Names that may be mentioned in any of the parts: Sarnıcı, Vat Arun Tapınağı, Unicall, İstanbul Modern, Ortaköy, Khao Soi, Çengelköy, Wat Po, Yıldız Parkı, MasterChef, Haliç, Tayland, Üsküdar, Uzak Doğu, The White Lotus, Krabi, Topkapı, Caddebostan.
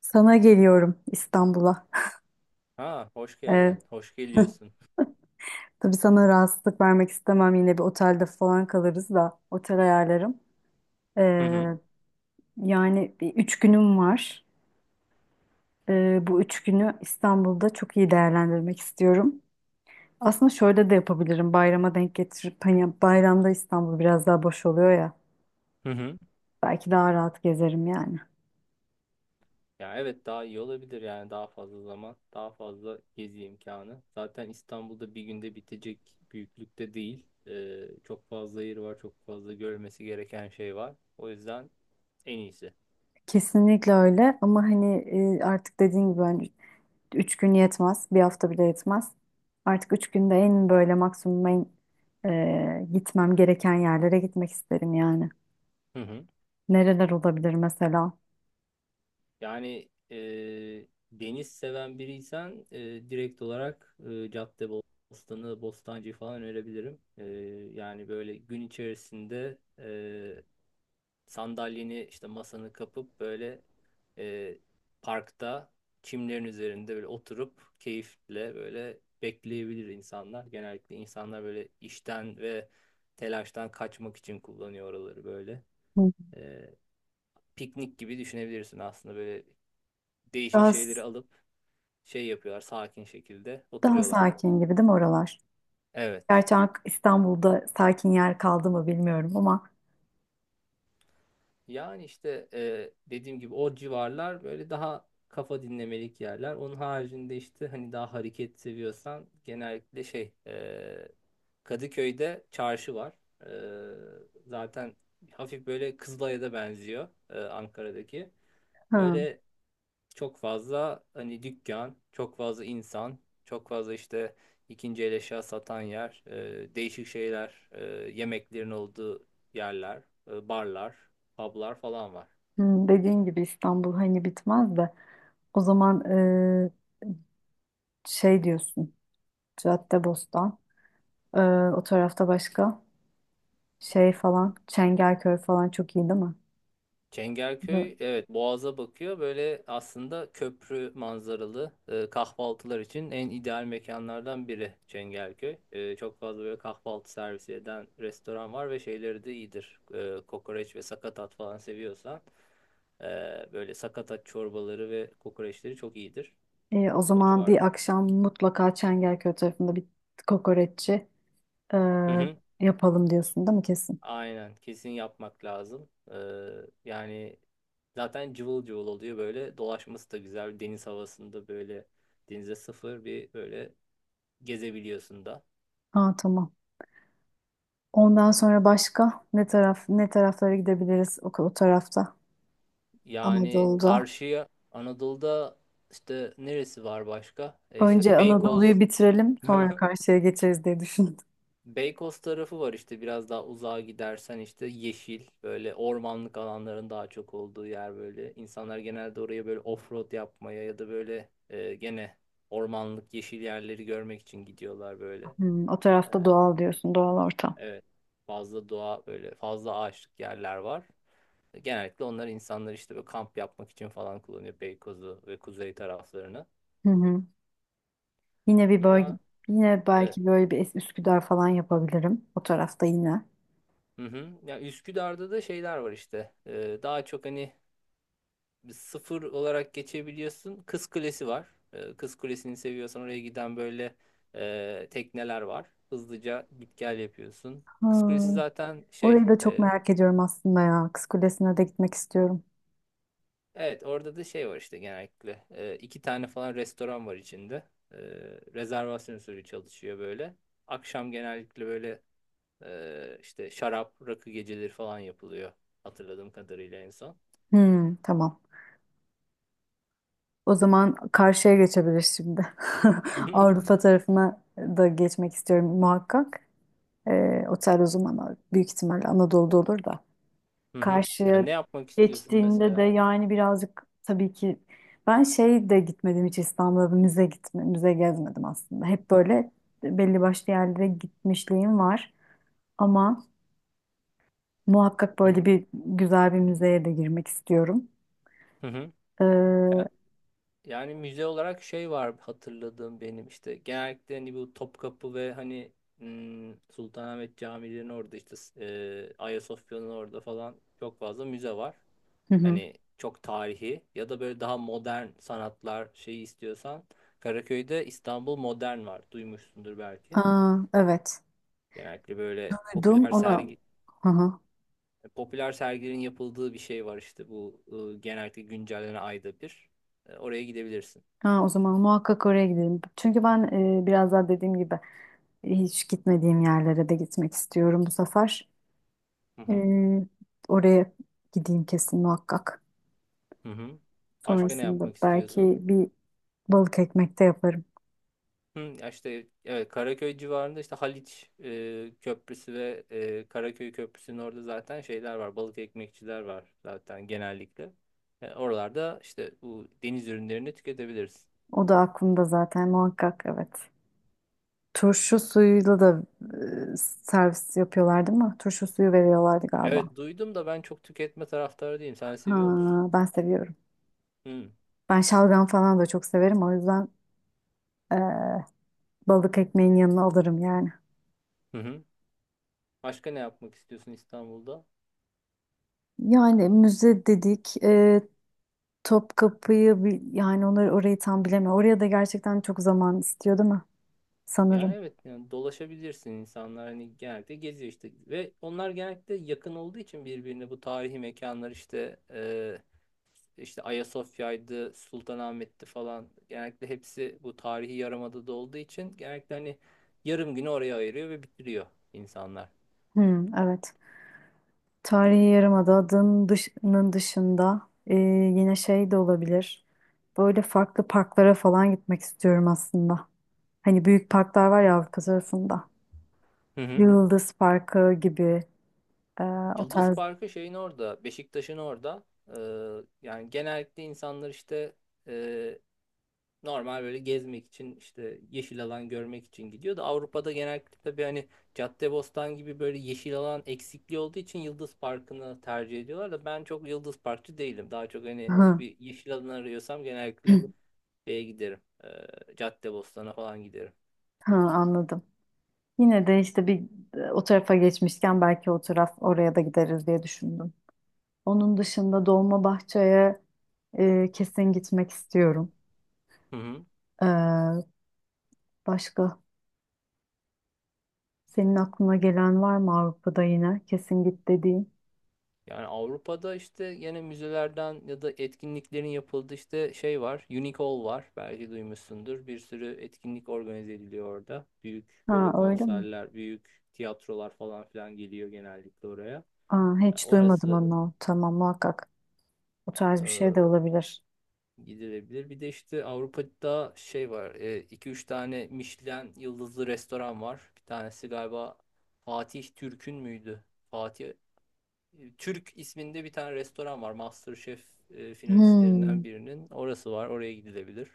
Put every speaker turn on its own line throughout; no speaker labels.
Sana geliyorum İstanbul'a.
Ha, hoş geldin.
Ee,
Hoş geliyorsun.
tabii sana rahatsızlık vermek istemem. Yine bir otelde falan kalırız da otel ayarlarım. Ee,
Hı hı.
yani bir üç günüm var. Bu üç günü İstanbul'da çok iyi değerlendirmek istiyorum. Aslında şöyle de yapabilirim. Bayrama denk getirip hani bayramda İstanbul biraz daha boş oluyor ya.
Hı hı.
Belki daha rahat gezerim yani.
Ya evet daha iyi olabilir yani daha fazla zaman, daha fazla gezi imkanı. Zaten İstanbul'da bir günde bitecek büyüklükte değil. Çok fazla yer var, çok fazla görmesi gereken şey var. O yüzden en iyisi.
Kesinlikle öyle ama hani artık dediğin gibi ben. Üç gün yetmez. Bir hafta bile yetmez. Artık üç günde en böyle maksimum en gitmem gereken yerlere gitmek isterim yani.
Hı hı.
Nereler olabilir mesela?
Yani deniz seven biriysen direkt olarak Caddebostan'ı, Bostancı'yı falan önerebilirim. Yani böyle gün içerisinde sandalyeni işte masanı kapıp böyle e, parkta çimlerin üzerinde böyle oturup keyifle böyle bekleyebilir insanlar. Genellikle insanlar böyle işten ve telaştan kaçmak için kullanıyor oraları böyle.
Hı.
E, piknik gibi düşünebilirsin aslında böyle değişik
Daha,
şeyleri
s-
alıp şey yapıyorlar, sakin şekilde
daha
oturuyorlar.
sakin gibi değil mi oralar?
Evet.
Gerçi İstanbul'da sakin yer kaldı mı bilmiyorum ama
Yani işte dediğim gibi o civarlar böyle daha kafa dinlemelik yerler. Onun haricinde işte hani daha hareket seviyorsan genellikle şey Kadıköy'de çarşı var. E, zaten hafif böyle Kızılay'a da benziyor, Ankara'daki.
hı,
Böyle çok fazla hani dükkan, çok fazla insan, çok fazla işte ikinci el eşya satan yer, değişik şeyler, yemeklerin olduğu yerler, barlar, publar falan var.
hı, dediğin gibi İstanbul hani bitmez de o zaman şey diyorsun Caddebostan e, o tarafta başka şey falan Çengelköy falan çok iyi değil mi?
Çengelköy evet, Boğaz'a bakıyor. Böyle aslında köprü manzaralı kahvaltılar için en ideal mekanlardan biri Çengelköy. Çok fazla böyle kahvaltı servisi eden restoran var ve şeyleri de iyidir. Kokoreç ve sakatat falan seviyorsan e, böyle sakatat çorbaları ve kokoreçleri çok iyidir
O
o
zaman
civarda.
bir akşam mutlaka Çengelköy tarafında bir kokoreççi e, yapalım diyorsun değil mi kesin?
Aynen, kesin yapmak lazım. Yani zaten cıvıl cıvıl oluyor, böyle dolaşması da güzel deniz havasında, böyle denize sıfır bir böyle gezebiliyorsun da.
Ha tamam. Ondan sonra başka ne taraf ne taraflara gidebiliriz o tarafta
Yani
Anadolu'da.
karşıya Anadolu'da işte neresi var başka? E
Önce
işte
Anadolu'yu
Beykoz.
bitirelim sonra karşıya geçeriz diye düşündüm.
Beykoz tarafı var işte, biraz daha uzağa gidersen işte yeşil böyle ormanlık alanların daha çok olduğu yer böyle. İnsanlar genelde oraya böyle offroad yapmaya ya da böyle gene ormanlık yeşil yerleri görmek için gidiyorlar böyle.
Hmm, o
E,
tarafta doğal diyorsun doğal ortam.
evet, fazla doğa, böyle fazla ağaçlık yerler var. Genellikle onlar, insanlar işte böyle kamp yapmak için falan kullanıyor Beykoz'u ve kuzey taraflarını.
Hı hı. Yine bir bölge
Ya
yine
evet.
belki böyle bir Üsküdar falan yapabilirim o tarafta yine.
Hı hı. Ya Üsküdar'da da şeyler var işte. Daha çok hani sıfır olarak geçebiliyorsun. Kız Kulesi var. Kız Kulesi'ni seviyorsan oraya giden böyle tekneler var. Hızlıca git gel yapıyorsun.
Ha,
Kız Kulesi zaten şey.
orayı da çok merak ediyorum aslında ya. Kız Kulesi'ne de gitmek istiyorum.
Evet, orada da şey var işte genellikle. İki tane falan restoran var içinde. E, rezervasyon usulü çalışıyor böyle. Akşam genellikle böyle işte şarap, rakı geceleri falan yapılıyor. Hatırladığım kadarıyla en son.
Hmm, tamam. O zaman karşıya geçebiliriz şimdi.
Hı hı.
Avrupa tarafına da geçmek istiyorum muhakkak. Otel o zaman büyük ihtimalle Anadolu'da olur da.
Hı hı.
Karşıya
Yani ne yapmak istiyorsun
geçtiğinde de
mesela?
yani birazcık tabii ki ben şey de gitmedim hiç İstanbul'da müze gitme, müze gezmedim aslında. Hep böyle belli başlı yerlere gitmişliğim var. Ama muhakkak
Hı hı.
böyle bir güzel bir müzeye de girmek istiyorum.
Hı hı.
Hı
Yani müze olarak şey var hatırladığım benim, işte genellikle hani bu Topkapı ve hani Sultanahmet Camii'nin orada işte Ayasofya'nın orada falan çok fazla müze var.
hı.
Hani çok tarihi ya da böyle daha modern sanatlar şeyi istiyorsan Karaköy'de İstanbul Modern var. Duymuşsundur belki.
Aa, evet.
Genellikle böyle
Duydum ona. Hı hı.
popüler sergilerin yapıldığı bir şey var işte, bu genellikle güncellenen ayda bir. Oraya gidebilirsin.
Ha, o zaman muhakkak oraya gidelim. Çünkü ben biraz daha dediğim gibi hiç gitmediğim yerlere de gitmek istiyorum bu sefer.
Hı
E,
hı.
oraya gideyim kesin muhakkak.
Hı hı. Başka ne
Sonrasında
yapmak istiyorsun?
belki bir balık ekmek de yaparım.
Hı, ya işte evet, Karaköy civarında işte Haliç Köprüsü ve Karaköy Köprüsü'nün orada zaten şeyler var. Balık ekmekçiler var zaten genellikle. Oralarda işte bu deniz ürünlerini tüketebiliriz.
O da aklımda zaten muhakkak evet. Turşu suyuyla da servis yapıyorlar değil mi? Turşu suyu veriyorlardı galiba.
Evet, duydum da ben çok tüketme taraftarı değilim. Sen
Ha,
seviyor musun?
ben seviyorum.
Hı.
Ben şalgam falan da çok severim. O yüzden e, balık ekmeğin yanına alırım yani.
Hı hı. Başka ne yapmak istiyorsun İstanbul'da?
Yani müze dedik, Topkapı'yı yani onları orayı tam bilemiyorum. Oraya da gerçekten çok zaman istiyor değil mi?
Yani
Sanırım.
evet, yani dolaşabilirsin, insanlar hani genellikle geziyor işte ve onlar genellikle yakın olduğu için birbirine bu tarihi mekanlar işte işte Ayasofya'ydı, Sultanahmet'ti falan, genellikle hepsi bu tarihi yarımadada olduğu için genellikle hani yarım günü oraya ayırıyor ve bitiriyor insanlar.
Hmm, evet. Tarihi Yarımada'nın dışının dışında yine şey de olabilir. Böyle farklı parklara falan gitmek istiyorum aslında. Hani büyük parklar var ya Avrupa tarafında.
Hı hı.
Yıldız Parkı gibi e, o
Yıldız
tarz.
Parkı şeyin orada, Beşiktaş'ın orada. E, yani genellikle insanlar işte normal böyle gezmek için işte yeşil alan görmek için gidiyor da, Avrupa'da genellikle tabii hani Caddebostan gibi böyle yeşil alan eksikliği olduğu için Yıldız Parkı'nı tercih ediyorlar da ben çok Yıldız Parkçı değilim. Daha çok hani
Hı.
bir yeşil alan arıyorsam genellikle şeye giderim. Caddebostan'a falan giderim.
Ha, anladım. Yine de işte bir o tarafa geçmişken belki o taraf oraya da gideriz diye düşündüm. Onun dışında Dolmabahçe'ye kesin gitmek istiyorum.
Hı hı.
Ee, başka senin aklına gelen var mı Avrupa'da yine kesin git dediğin?
Yani Avrupa'da işte yine müzelerden ya da etkinliklerin yapıldığı işte şey var. Unicall var. Belki duymuşsundur. Bir sürü etkinlik organize ediliyor orada. Büyük
Ha
böyle
öyle mi?
konserler, büyük tiyatrolar falan filan geliyor genellikle oraya.
Aa,
Yani
hiç duymadım
orası
onu. Tamam muhakkak. O tarz bir şey
e,
de olabilir.
gidilebilir. Bir de işte Avrupa'da şey var. İki üç tane Michelin yıldızlı restoran var. Bir tanesi galiba Fatih Türk'ün müydü? Fatih Türk isminde bir tane restoran var. MasterChef finalistlerinden
Hmm.
birinin. Orası var. Oraya gidilebilir.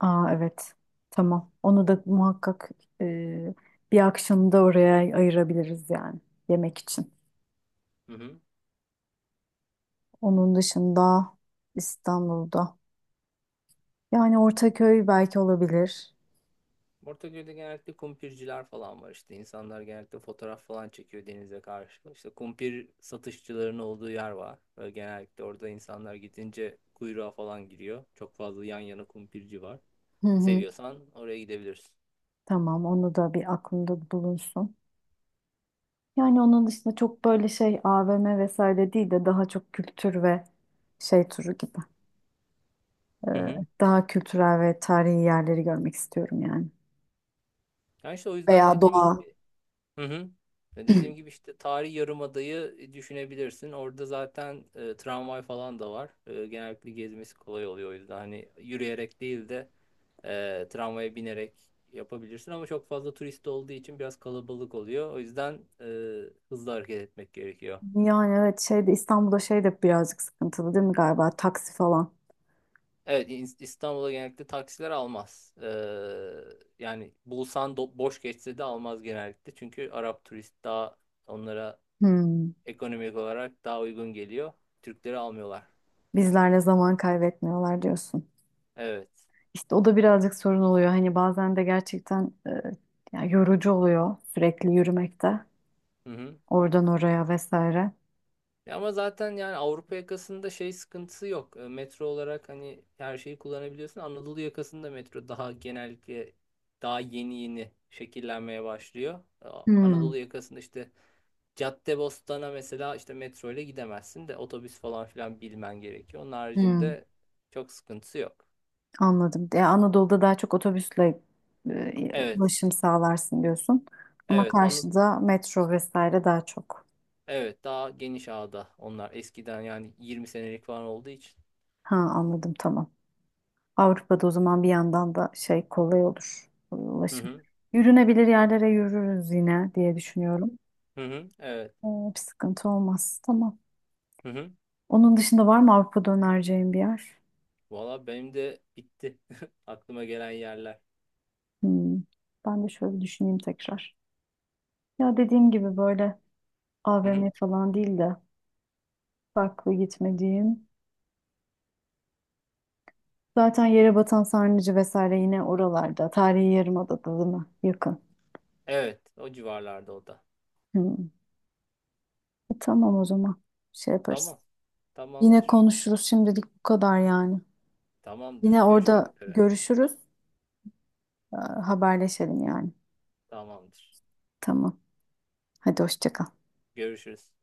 Aa evet. Tamam. Onu da muhakkak e, bir akşamı da oraya ayırabiliriz yani yemek için.
Hı hı.
Onun dışında İstanbul'da. Yani Ortaköy belki olabilir.
Ortaköy'de genellikle kumpirciler falan var işte. İnsanlar genellikle fotoğraf falan çekiyor denize karşı. İşte kumpir satışçılarının olduğu yer var. Böyle genellikle orada insanlar gidince kuyruğa falan giriyor. Çok fazla yan yana kumpirci var.
Hı hı.
Seviyorsan oraya gidebilirsin.
Tamam, onu da bir aklımda bulunsun. Yani onun dışında çok böyle şey AVM vesaire değil de daha çok kültür ve şey turu gibi. Ee,
Hı hı.
daha kültürel ve tarihi yerleri görmek istiyorum yani.
Yani işte o yüzden
Veya
dediğim.
doğa.
Hı hı. Ve dediğim gibi işte Tarihi Yarımada'yı düşünebilirsin. Orada zaten tramvay falan da var. Genellikle gezmesi kolay oluyor o yüzden. Hani yürüyerek değil de tramvaya binerek yapabilirsin. Ama çok fazla turist olduğu için biraz kalabalık oluyor. O yüzden e, hızlı hareket etmek gerekiyor.
Yani evet şeyde İstanbul'da şey de birazcık sıkıntılı değil mi galiba? Taksi falan.
Evet, İstanbul'a genellikle taksiler almaz. Yani bulsan, boş geçse de almaz genellikle. Çünkü Arap turist daha onlara
Hmm.
ekonomik olarak daha uygun geliyor. Türkleri almıyorlar.
Bizlerle zaman kaybetmiyorlar diyorsun.
Evet.
İşte o da birazcık sorun oluyor. Hani bazen de gerçekten yani yorucu oluyor sürekli yürümekte.
Hı hı.
Oradan oraya vesaire.
Ya ama zaten yani Avrupa yakasında şey sıkıntısı yok. Metro olarak hani her şeyi kullanabiliyorsun. Anadolu yakasında metro daha genellikle daha yeni yeni şekillenmeye başlıyor. E,
Hmm.
Anadolu yakasında işte Caddebostan'a mesela işte metro ile gidemezsin de otobüs falan filan bilmen gerekiyor. Onun
Hmm.
haricinde çok sıkıntısı yok.
Anladım. Ya Anadolu'da daha çok otobüsle
Evet.
ulaşım sağlarsın diyorsun. Ama
Evet.
karşıda metro vesaire daha çok.
Evet, daha geniş ağda onlar, eskiden yani 20 senelik falan olduğu için.
Ha anladım tamam. Avrupa'da o zaman bir yandan da şey kolay olur
Hı
ulaşım.
hı.
Yürünebilir yerlere yürürüz yine diye düşünüyorum.
Hı hı. Evet.
Ee, bir sıkıntı olmaz. Tamam.
Hı hı.
Onun dışında var mı Avrupa'da önereceğim bir yer?
Valla benim de bitti. Aklıma gelen yerler.
Hmm. Ben de şöyle bir düşüneyim tekrar. Ya dediğim gibi böyle
Hı hı.
AVM falan değil de farklı gitmediğim. Zaten yere batan Sarnıcı vesaire yine oralarda. Tarihi Yarımada'da değil mi? Yakın.
Evet, o civarlarda o da.
Hmm. Tamam o zaman. Şey yaparız.
Tamam.
Yine
Tamamdır.
konuşuruz. Şimdilik bu kadar yani.
Tamamdır.
Yine
Görüşmek
orada
üzere.
görüşürüz. Haberleşelim yani.
Tamamdır.
Tamam. Hadi hoşça kal.
Görüşürüz.